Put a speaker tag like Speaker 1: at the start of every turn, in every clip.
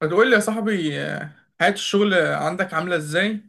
Speaker 1: فتقول لي يا صاحبي، حياة الشغل عندك عاملة ازاي؟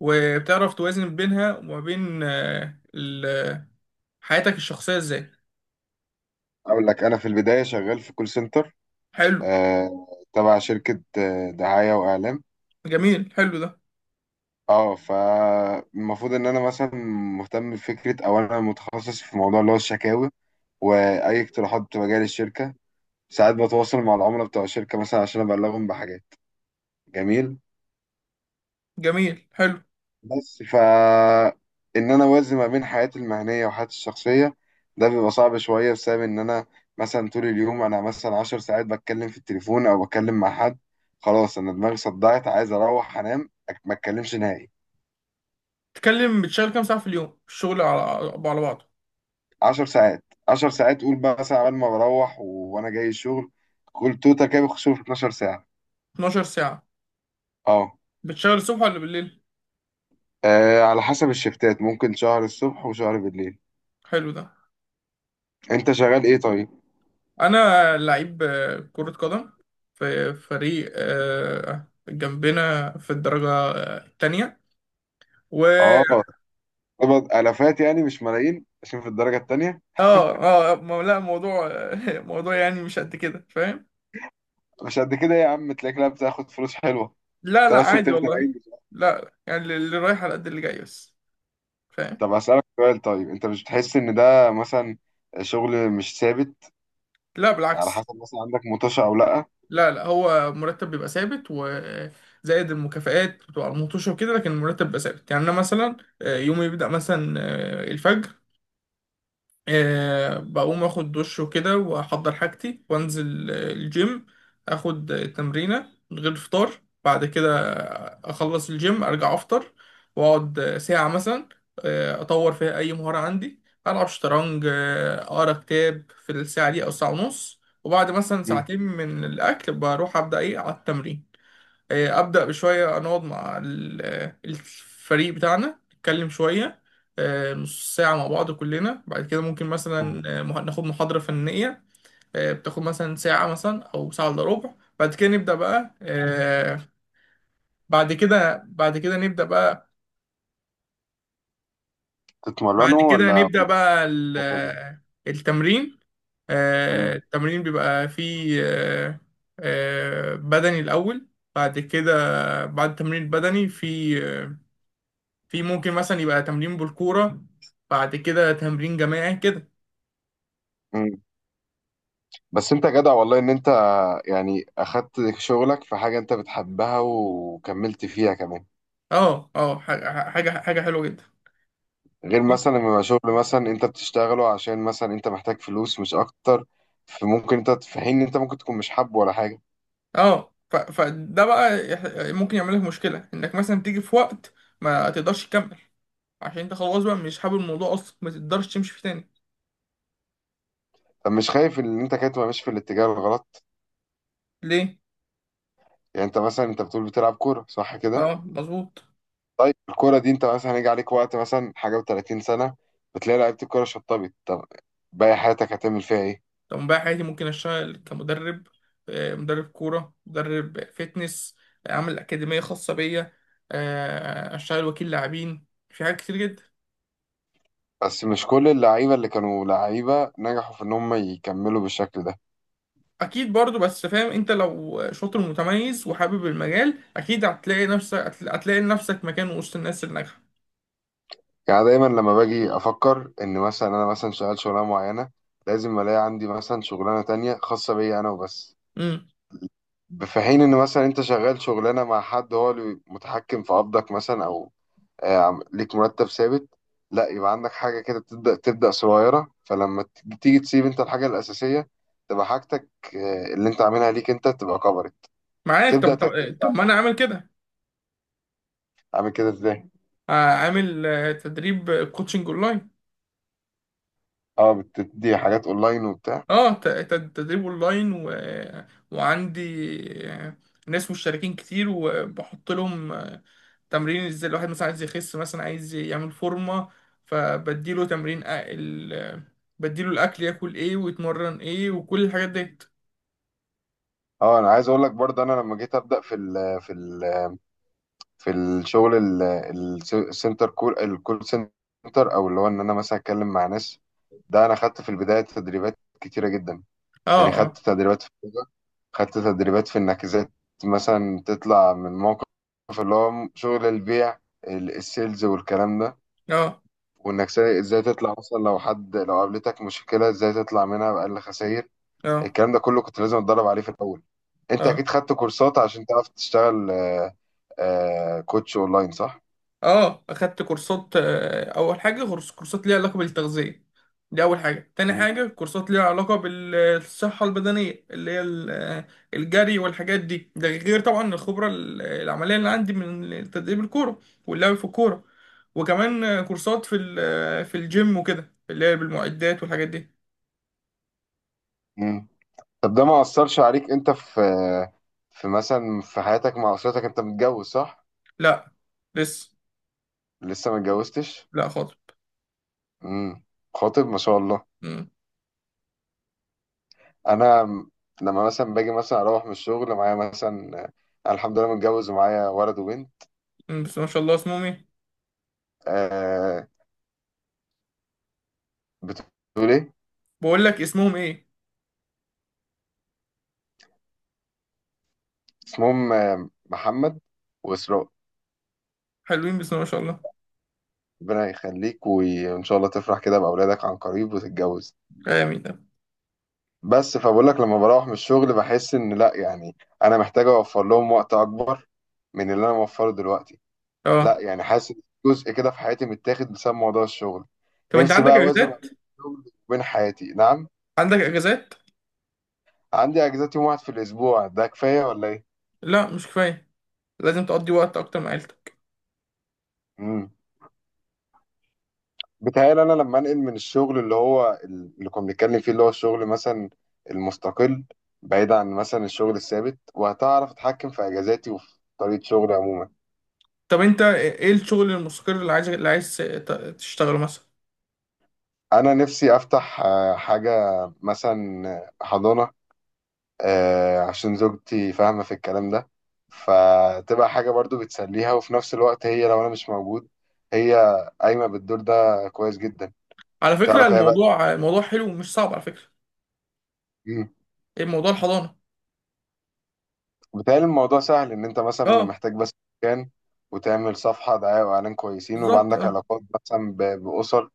Speaker 1: وبتعرف توازن بينها وما بين حياتك الشخصية ازاي؟
Speaker 2: اقول لك انا في البدايه شغال في كول سنتر
Speaker 1: حلو.
Speaker 2: آه تبع شركه دعايه واعلام.
Speaker 1: جميل، حلو ده.
Speaker 2: اه فالمفروض ان انا مثلا مهتم بفكره، او انا متخصص في موضوع اللي هو الشكاوي واي اقتراحات بتبقى جايه للشركه. ساعات بتواصل مع العملاء بتوع الشركه مثلا عشان ابلغهم بحاجات. جميل.
Speaker 1: جميل، حلو.
Speaker 2: بس ان انا اوازن ما بين حياتي المهنيه وحياتي الشخصيه، ده بيبقى صعب شويه بسبب ان انا مثلا طول اليوم، انا مثلا عشر ساعات بتكلم في التليفون او بتكلم مع حد. خلاص انا دماغي صدعت، عايز اروح انام، ما اتكلمش نهائي.
Speaker 1: تتكلم، بتشتغل كام ساعة في اليوم الشغل على بعضه؟
Speaker 2: عشر ساعات عشر ساعات قول بقى مثلا قبل ما بروح وانا جاي الشغل. قول توتا كده بخش في 12 ساعه.
Speaker 1: 12 ساعة.
Speaker 2: اه.
Speaker 1: بتشتغل الصبح ولا بالليل؟
Speaker 2: على حسب الشفتات ممكن شهر الصبح وشهر بالليل.
Speaker 1: حلو ده.
Speaker 2: انت شغال ايه طيب؟
Speaker 1: أنا لعيب كرة قدم، في فريق جنبنا في الدرجة التانية. و
Speaker 2: اه، قبض الافات يعني مش ملايين عشان في الدرجه التانيه.
Speaker 1: اه. اه، لا، موضوع موضوع يعني مش قد كده، فاهم.
Speaker 2: مش قد كده يا عم، تلاقيك لا بتاخد فلوس حلوه.
Speaker 1: لا لا،
Speaker 2: انت بس
Speaker 1: عادي
Speaker 2: بتخزن اي
Speaker 1: والله.
Speaker 2: ميزانية.
Speaker 1: لا، يعني اللي رايح على قد اللي جاي بس، فاهم.
Speaker 2: طب اسالك سؤال طيب، انت مش بتحس ان ده مثلا شغل مش ثابت؟
Speaker 1: لا،
Speaker 2: على
Speaker 1: بالعكس.
Speaker 2: حسب، مثلا عندك مطوشه او لا؟
Speaker 1: لا لا، هو مرتب بيبقى ثابت، وزائد المكافآت بتبقى على المطوشة وكده، لكن المرتب بيبقى ثابت. يعني أنا مثلا يومي بيبدأ مثلا الفجر. أه، بقوم اخد دش وكده واحضر حاجتي وانزل الجيم، اخد تمرينة من غير فطار. بعد كده اخلص الجيم ارجع افطر، واقعد ساعة مثلا اطور فيها اي مهارة عندي، العب شطرنج اقرا كتاب في الساعة دي او ساعة ونص. وبعد مثلا
Speaker 2: مم.
Speaker 1: ساعتين من الاكل بروح ابدا ايه على التمرين. ابدا بشويه، نقعد مع الفريق بتاعنا نتكلم شويه نص ساعه مع بعض كلنا. بعد كده ممكن
Speaker 2: مم.
Speaker 1: مثلا ناخد محاضره فنيه، بتاخد مثلا ساعه مثلا او ساعه الا ربع. بعد كده نبدا بقى. بعد كده نبدا بقى. بعد
Speaker 2: تتمرنوا
Speaker 1: كده
Speaker 2: ولا
Speaker 1: نبدا بقى
Speaker 2: بتتدربوا؟
Speaker 1: التمرين.
Speaker 2: مم.
Speaker 1: التمرين بيبقى فيه بدني الاول. بعد كده بعد التمرين البدني، في، في ممكن مثلا يبقى تمرين بالكورة. بعد كده تمرين جماعي كده.
Speaker 2: مم. بس انت جدع والله، ان انت يعني اخدت شغلك في حاجه انت بتحبها وكملت فيها كمان.
Speaker 1: اه اه، حاجة حلوة جدا.
Speaker 2: غير مثلا لما يبقى شغل مثلا انت بتشتغله عشان مثلا انت محتاج فلوس مش اكتر، فممكن انت في حين ان انت ممكن تكون مش حابه ولا حاجه.
Speaker 1: اه، فده بقى، ممكن يعمل لك مشكلة انك مثلا تيجي في وقت ما تقدرش تكمل، عشان انت خلاص بقى مش حابب الموضوع اصلا، ما تقدرش تمشي فيه تاني.
Speaker 2: طب مش خايف ان انت كده تبقى ماشي في الاتجاه الغلط؟
Speaker 1: ليه؟
Speaker 2: يعني انت مثلا انت بتقول بتلعب كوره صح كده؟
Speaker 1: اه مظبوط.
Speaker 2: طيب الكوره دي، انت مثلا هيجي عليك وقت مثلا حاجه و30 سنه، بتلاقي لعيبه الكوره شطبت. طب باقي حياتك هتعمل فيها ايه؟
Speaker 1: طب بقى حياتي ممكن اشتغل كمدرب، مدرب كورة، مدرب فتنس، اعمل اكاديمية خاصة بيا، اشتغل وكيل لاعبين، في حاجات كتير جدا.
Speaker 2: بس مش كل اللعيبه اللي كانوا لعيبه نجحوا في ان هم يكملوا بالشكل ده.
Speaker 1: اكيد برضو، بس فاهم انت، لو شاطر متميز وحابب المجال اكيد هتلاقي نفسك، هتلاقي لنفسك مكان وسط الناس الناجحه.
Speaker 2: يعني دايما لما باجي افكر ان مثلا انا مثلا شغال شغلانه معينه، لازم الاقي عندي مثلا شغلانه تانية خاصه بيا انا وبس.
Speaker 1: امم.
Speaker 2: في حين ان مثلا انت شغال شغلانه مع حد هو اللي متحكم في قبضك مثلا، او ليك مرتب ثابت. لا، يبقى عندك حاجة كده تبدأ صغيرة، فلما تيجي تسيب انت الحاجة الأساسية، تبقى حاجتك اللي انت عاملها ليك انت، تبقى كبرت،
Speaker 1: معاك.
Speaker 2: تبدأ
Speaker 1: طب
Speaker 2: تعتمد
Speaker 1: طب طب ما انا
Speaker 2: عليها.
Speaker 1: عامل كده.
Speaker 2: عامل كده ازاي؟
Speaker 1: عامل تدريب كوتشنج اونلاين.
Speaker 2: اه، بتدي حاجات اونلاين وبتاع.
Speaker 1: اه، تدريب اونلاين وعندي آه، ناس مشتركين كتير، وبحط لهم تمرين ازاي الواحد مثلا عايز يخس، مثلا عايز يعمل فورمه. فبديله تمرين أ- ال... آه، بديله الاكل ياكل ايه ويتمرن ايه وكل الحاجات ديت.
Speaker 2: اه، انا عايز اقول لك برضه، انا لما جيت ابدا في الشغل ال- الس- السنتر كول الكول سنتر، او اللي هو ان انا مثلا اتكلم مع ناس، ده انا خدت في البدايه تدريبات كتيره جدا.
Speaker 1: اه.
Speaker 2: يعني
Speaker 1: آه.
Speaker 2: خدت تدريبات في اللغة، خدت تدريبات في انك ازاي مثلا تطلع من موقف اللي هو شغل البيع، السيلز والكلام ده،
Speaker 1: اه
Speaker 2: وانك ازاي تطلع، مثلا لو حد، لو قابلتك مشكلة ازاي تطلع منها بأقل خسائر.
Speaker 1: اه
Speaker 2: الكلام ده كله كنت لازم اتدرب عليه في الاول. انت
Speaker 1: اه
Speaker 2: اكيد خدت كورسات عشان تعرف تشتغل كوتش اونلاين صح؟
Speaker 1: اه، اخدت كورسات. اول حاجه كورسات ليها علاقه بالتغذيه، دي اول حاجه. تاني
Speaker 2: مم.
Speaker 1: حاجه كورسات ليها علاقه بالصحه البدنيه، اللي هي الجري والحاجات دي. ده غير طبعا الخبره العمليه اللي عندي من تدريب الكوره، واللعب في الكوره. وكمان كورسات في في الجيم وكده اللي هي بالمعدات والحاجات دي.
Speaker 2: مم. طب ده ما أثرش عليك انت في في مثلا في حياتك مع اسرتك؟ انت متجوز صح؟
Speaker 1: لا. لسه.
Speaker 2: لسه ما اتجوزتش؟
Speaker 1: لا خالص.
Speaker 2: مم. خاطب ما شاء الله.
Speaker 1: مم.
Speaker 2: انا م- لما مثلا باجي مثلا اروح من الشغل، معايا مثلا أنا الحمد لله متجوز ومعايا ولد وبنت.
Speaker 1: مم، بس ما شاء الله اسمهم ايه؟
Speaker 2: آه، بتقول ايه؟
Speaker 1: بقول لك اسمهم ايه.
Speaker 2: اسمهم محمد واسراء.
Speaker 1: حلوين بس ما شاء الله.
Speaker 2: ربنا يخليك، وان شاء الله تفرح كده باولادك عن قريب وتتجوز.
Speaker 1: امين.
Speaker 2: بس فبقول لك، لما بروح من الشغل بحس ان لا يعني انا محتاج اوفر لهم وقت اكبر من اللي انا موفره دلوقتي.
Speaker 1: اه.
Speaker 2: لا يعني حاسس إن جزء كده في حياتي متاخد بسبب موضوع الشغل.
Speaker 1: طب انت
Speaker 2: نفسي
Speaker 1: عندك
Speaker 2: بقى اوازن ما
Speaker 1: اجازات؟
Speaker 2: بين الشغل وبين حياتي. نعم.
Speaker 1: عندك اجازات؟
Speaker 2: عندي اجازات يوم واحد في الاسبوع، ده كفايه ولا ايه؟
Speaker 1: لا، مش كفايه. لازم تقضي وقت اكتر مع عيلتك.
Speaker 2: امم. بتهيألي انا لما انقل من الشغل اللي هو اللي كنا بنتكلم فيه، اللي هو الشغل مثلا المستقل، بعيد عن مثلا الشغل الثابت، وهتعرف اتحكم في اجازاتي وفي طريقه شغلي عموما.
Speaker 1: طب انت ايه الشغل المستقر اللي عايز تشتغله مثلا؟
Speaker 2: انا نفسي افتح حاجه، مثلا حضانه، عشان زوجتي فاهمه في الكلام ده، فتبقى حاجه برضو بتسليها، وفي نفس الوقت هي لو انا مش موجود، هي قايمه بالدور ده. كويس جدا.
Speaker 1: على فكره
Speaker 2: تعرف هي بقى،
Speaker 1: الموضوع موضوع حلو ومش صعب، على فكره. ايه موضوع الحضانه؟
Speaker 2: بتهيألي الموضوع سهل، إن أنت مثلا
Speaker 1: اه.
Speaker 2: محتاج بس مكان، وتعمل صفحة دعاية وإعلان كويسين، ويبقى
Speaker 1: بالظبط
Speaker 2: عندك
Speaker 1: اه.
Speaker 2: علاقات مثلا بأسر.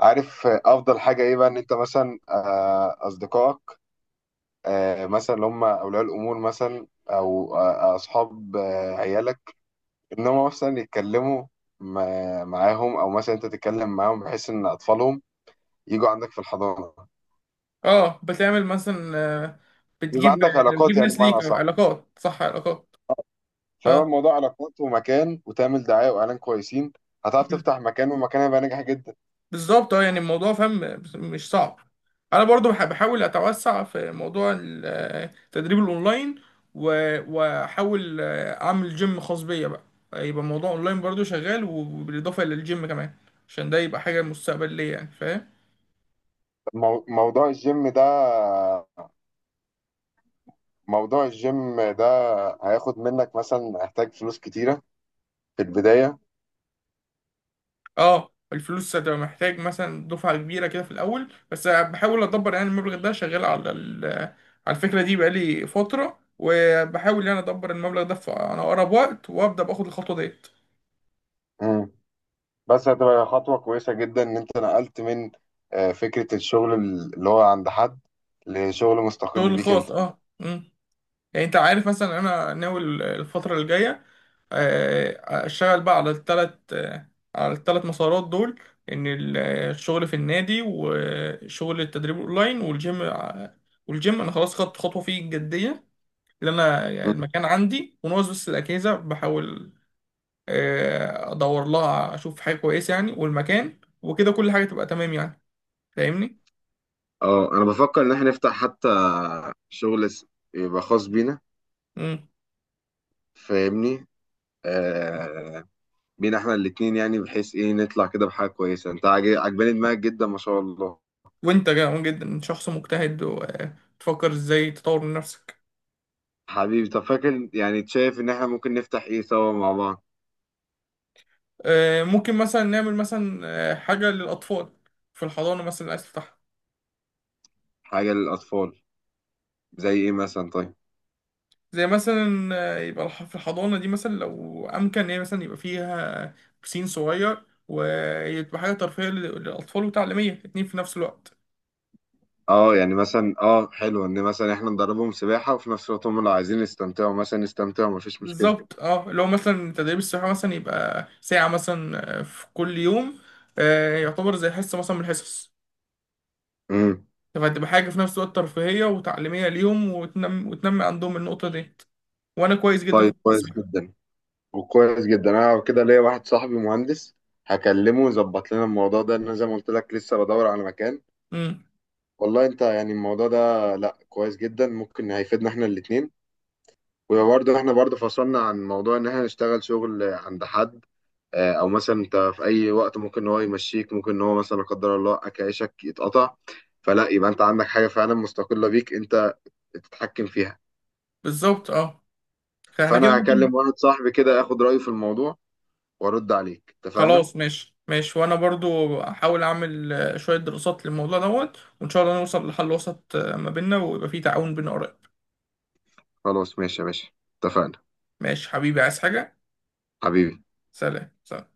Speaker 2: عارف أفضل حاجة إيه بقى؟ إن أنت مثلا أصدقائك، مثلا اللي هم أولياء الأمور، مثلا أو أصحاب عيالك، إن هم مثلا يتكلموا معاهم، أو مثلا أنت تتكلم معاهم، بحيث إن أطفالهم يجوا عندك في الحضانة.
Speaker 1: اه، بتعمل مثلا،
Speaker 2: يبقى
Speaker 1: بتجيب،
Speaker 2: عندك علاقات
Speaker 1: بتجيب
Speaker 2: يعني،
Speaker 1: ناس
Speaker 2: بمعنى
Speaker 1: ليك
Speaker 2: أصح
Speaker 1: علاقات. صح، علاقات.
Speaker 2: فهو
Speaker 1: اه
Speaker 2: الموضوع علاقات ومكان، وتعمل دعاية وإعلان كويسين، هتعرف تفتح مكان، ومكان هيبقى ناجح جدا.
Speaker 1: بالظبط اه. يعني الموضوع فاهم، مش صعب. انا برضو بحاول اتوسع في موضوع التدريب الاونلاين، واحاول اعمل جيم خاص بيا بقى. يبقى الموضوع اونلاين برضو شغال، وبالاضافه للجيم كمان عشان ده يبقى حاجه مستقبليه، يعني فاهم.
Speaker 2: مو- موضوع الجيم ده موضوع الجيم ده هياخد منك مثلا، هيحتاج فلوس كتيرة في البداية.
Speaker 1: اه، الفلوس هتبقى محتاج مثلا دفعه كبيره كده في الاول، بس بحاول ادبر يعني المبلغ ده. شغال على على الفكره دي بقالي فتره، وبحاول يعني ادبر المبلغ ده في انا اقرب وقت، وابدا باخد الخطوه ديت.
Speaker 2: مم. بس هتبقى خطوة كويسة جدا إن أنت نقلت من فكرة الشغل اللي هو عند حد، لشغل مستقل
Speaker 1: شغل
Speaker 2: بيك
Speaker 1: خاص
Speaker 2: أنت.
Speaker 1: اه. مم. يعني انت عارف مثلا انا ناوي الفترة اللي جاية اشتغل بقى على التلات، على التلات مسارات دول. ان الشغل في النادي، وشغل التدريب اونلاين، والجيم. والجيم انا خلاص خدت خطوة فيه جدية، اللي انا يعني
Speaker 2: مم.
Speaker 1: المكان عندي وناقص بس الاجهزة. بحاول ادور لها اشوف حاجة كويسة يعني، والمكان وكده كل حاجة تبقى تمام، يعني فاهمني؟
Speaker 2: اه، انا بفكر ان احنا نفتح حتى شغل، يبقى خاص بينا، فاهمني؟ آه، بينا احنا الاتنين يعني، بحيث ايه نطلع كده بحاجة كويسة. انت عجباني دماغك جدا ما شاء الله.
Speaker 1: وانت جامد جدا، شخص مجتهد وتفكر ازاي تطور من نفسك.
Speaker 2: حبيبي، طب فاكر يعني شايف ان احنا ممكن نفتح ايه سوا مع بعض؟
Speaker 1: ممكن مثلا نعمل مثلا حاجة للأطفال في الحضانة مثلا اللي عايز تفتحها.
Speaker 2: حاجة للأطفال، زي ايه مثلا طيب؟
Speaker 1: زي مثلا يبقى في الحضانة دي مثلا، لو أمكن إن هي مثلا يبقى فيها بسين صغير، ويبقى حاجة ترفيهية للأطفال وتعليمية اتنين في نفس الوقت.
Speaker 2: اه يعني مثلا، حلو ان مثلا احنا ندربهم سباحة، وفي نفس الوقت هم لو عايزين يستمتعوا مثلا، يستمتعوا مفيش مشكلة.
Speaker 1: بالظبط اه. لو مثلا تدريب السباحة مثلا يبقى ساعة مثلا في كل يوم، يعتبر زي حصة مثلا من الحصص.
Speaker 2: امم.
Speaker 1: فهتبقى حاجة في نفس الوقت ترفيهية وتعليمية ليهم، وتنمي عندهم النقطة دي. وأنا كويس جدا في
Speaker 2: طيب كويس
Speaker 1: التصوير.
Speaker 2: جدا. وكويس جدا انا كده ليا واحد صاحبي مهندس، هكلمه يظبط لنا الموضوع ده. انا زي ما قلت لك لسه بدور على مكان.
Speaker 1: امم.
Speaker 2: والله انت يعني الموضوع ده، لا كويس جدا، ممكن هيفيدنا احنا الاتنين. وبرضه احنا برضه فصلنا عن موضوع ان احنا نشتغل شغل عند حد. اه، او مثلا انت في اي وقت ممكن ان هو يمشيك، ممكن ان هو مثلا لا قدر الله اكل عيشك يتقطع. فلا يبقى انت عندك حاجه فعلا مستقله بيك انت، تتحكم فيها.
Speaker 1: بالظبط اه. فاحنا كده
Speaker 2: فانا
Speaker 1: ممكن.
Speaker 2: هكلم واحد صاحبي كده، اخد رايه في الموضوع، وارد عليك، اتفقنا؟
Speaker 1: خلاص، ماشي ماشي. وأنا برضو أحاول أعمل شوية دراسات للموضوع دوت، وإن شاء الله نوصل لحل وسط ما بيننا، ويبقى فيه تعاون بين آراء.
Speaker 2: خلاص ماشي يا باشا، اتفقنا
Speaker 1: ماشي حبيبي. عايز حاجة؟
Speaker 2: حبيبي.
Speaker 1: سلام سلام.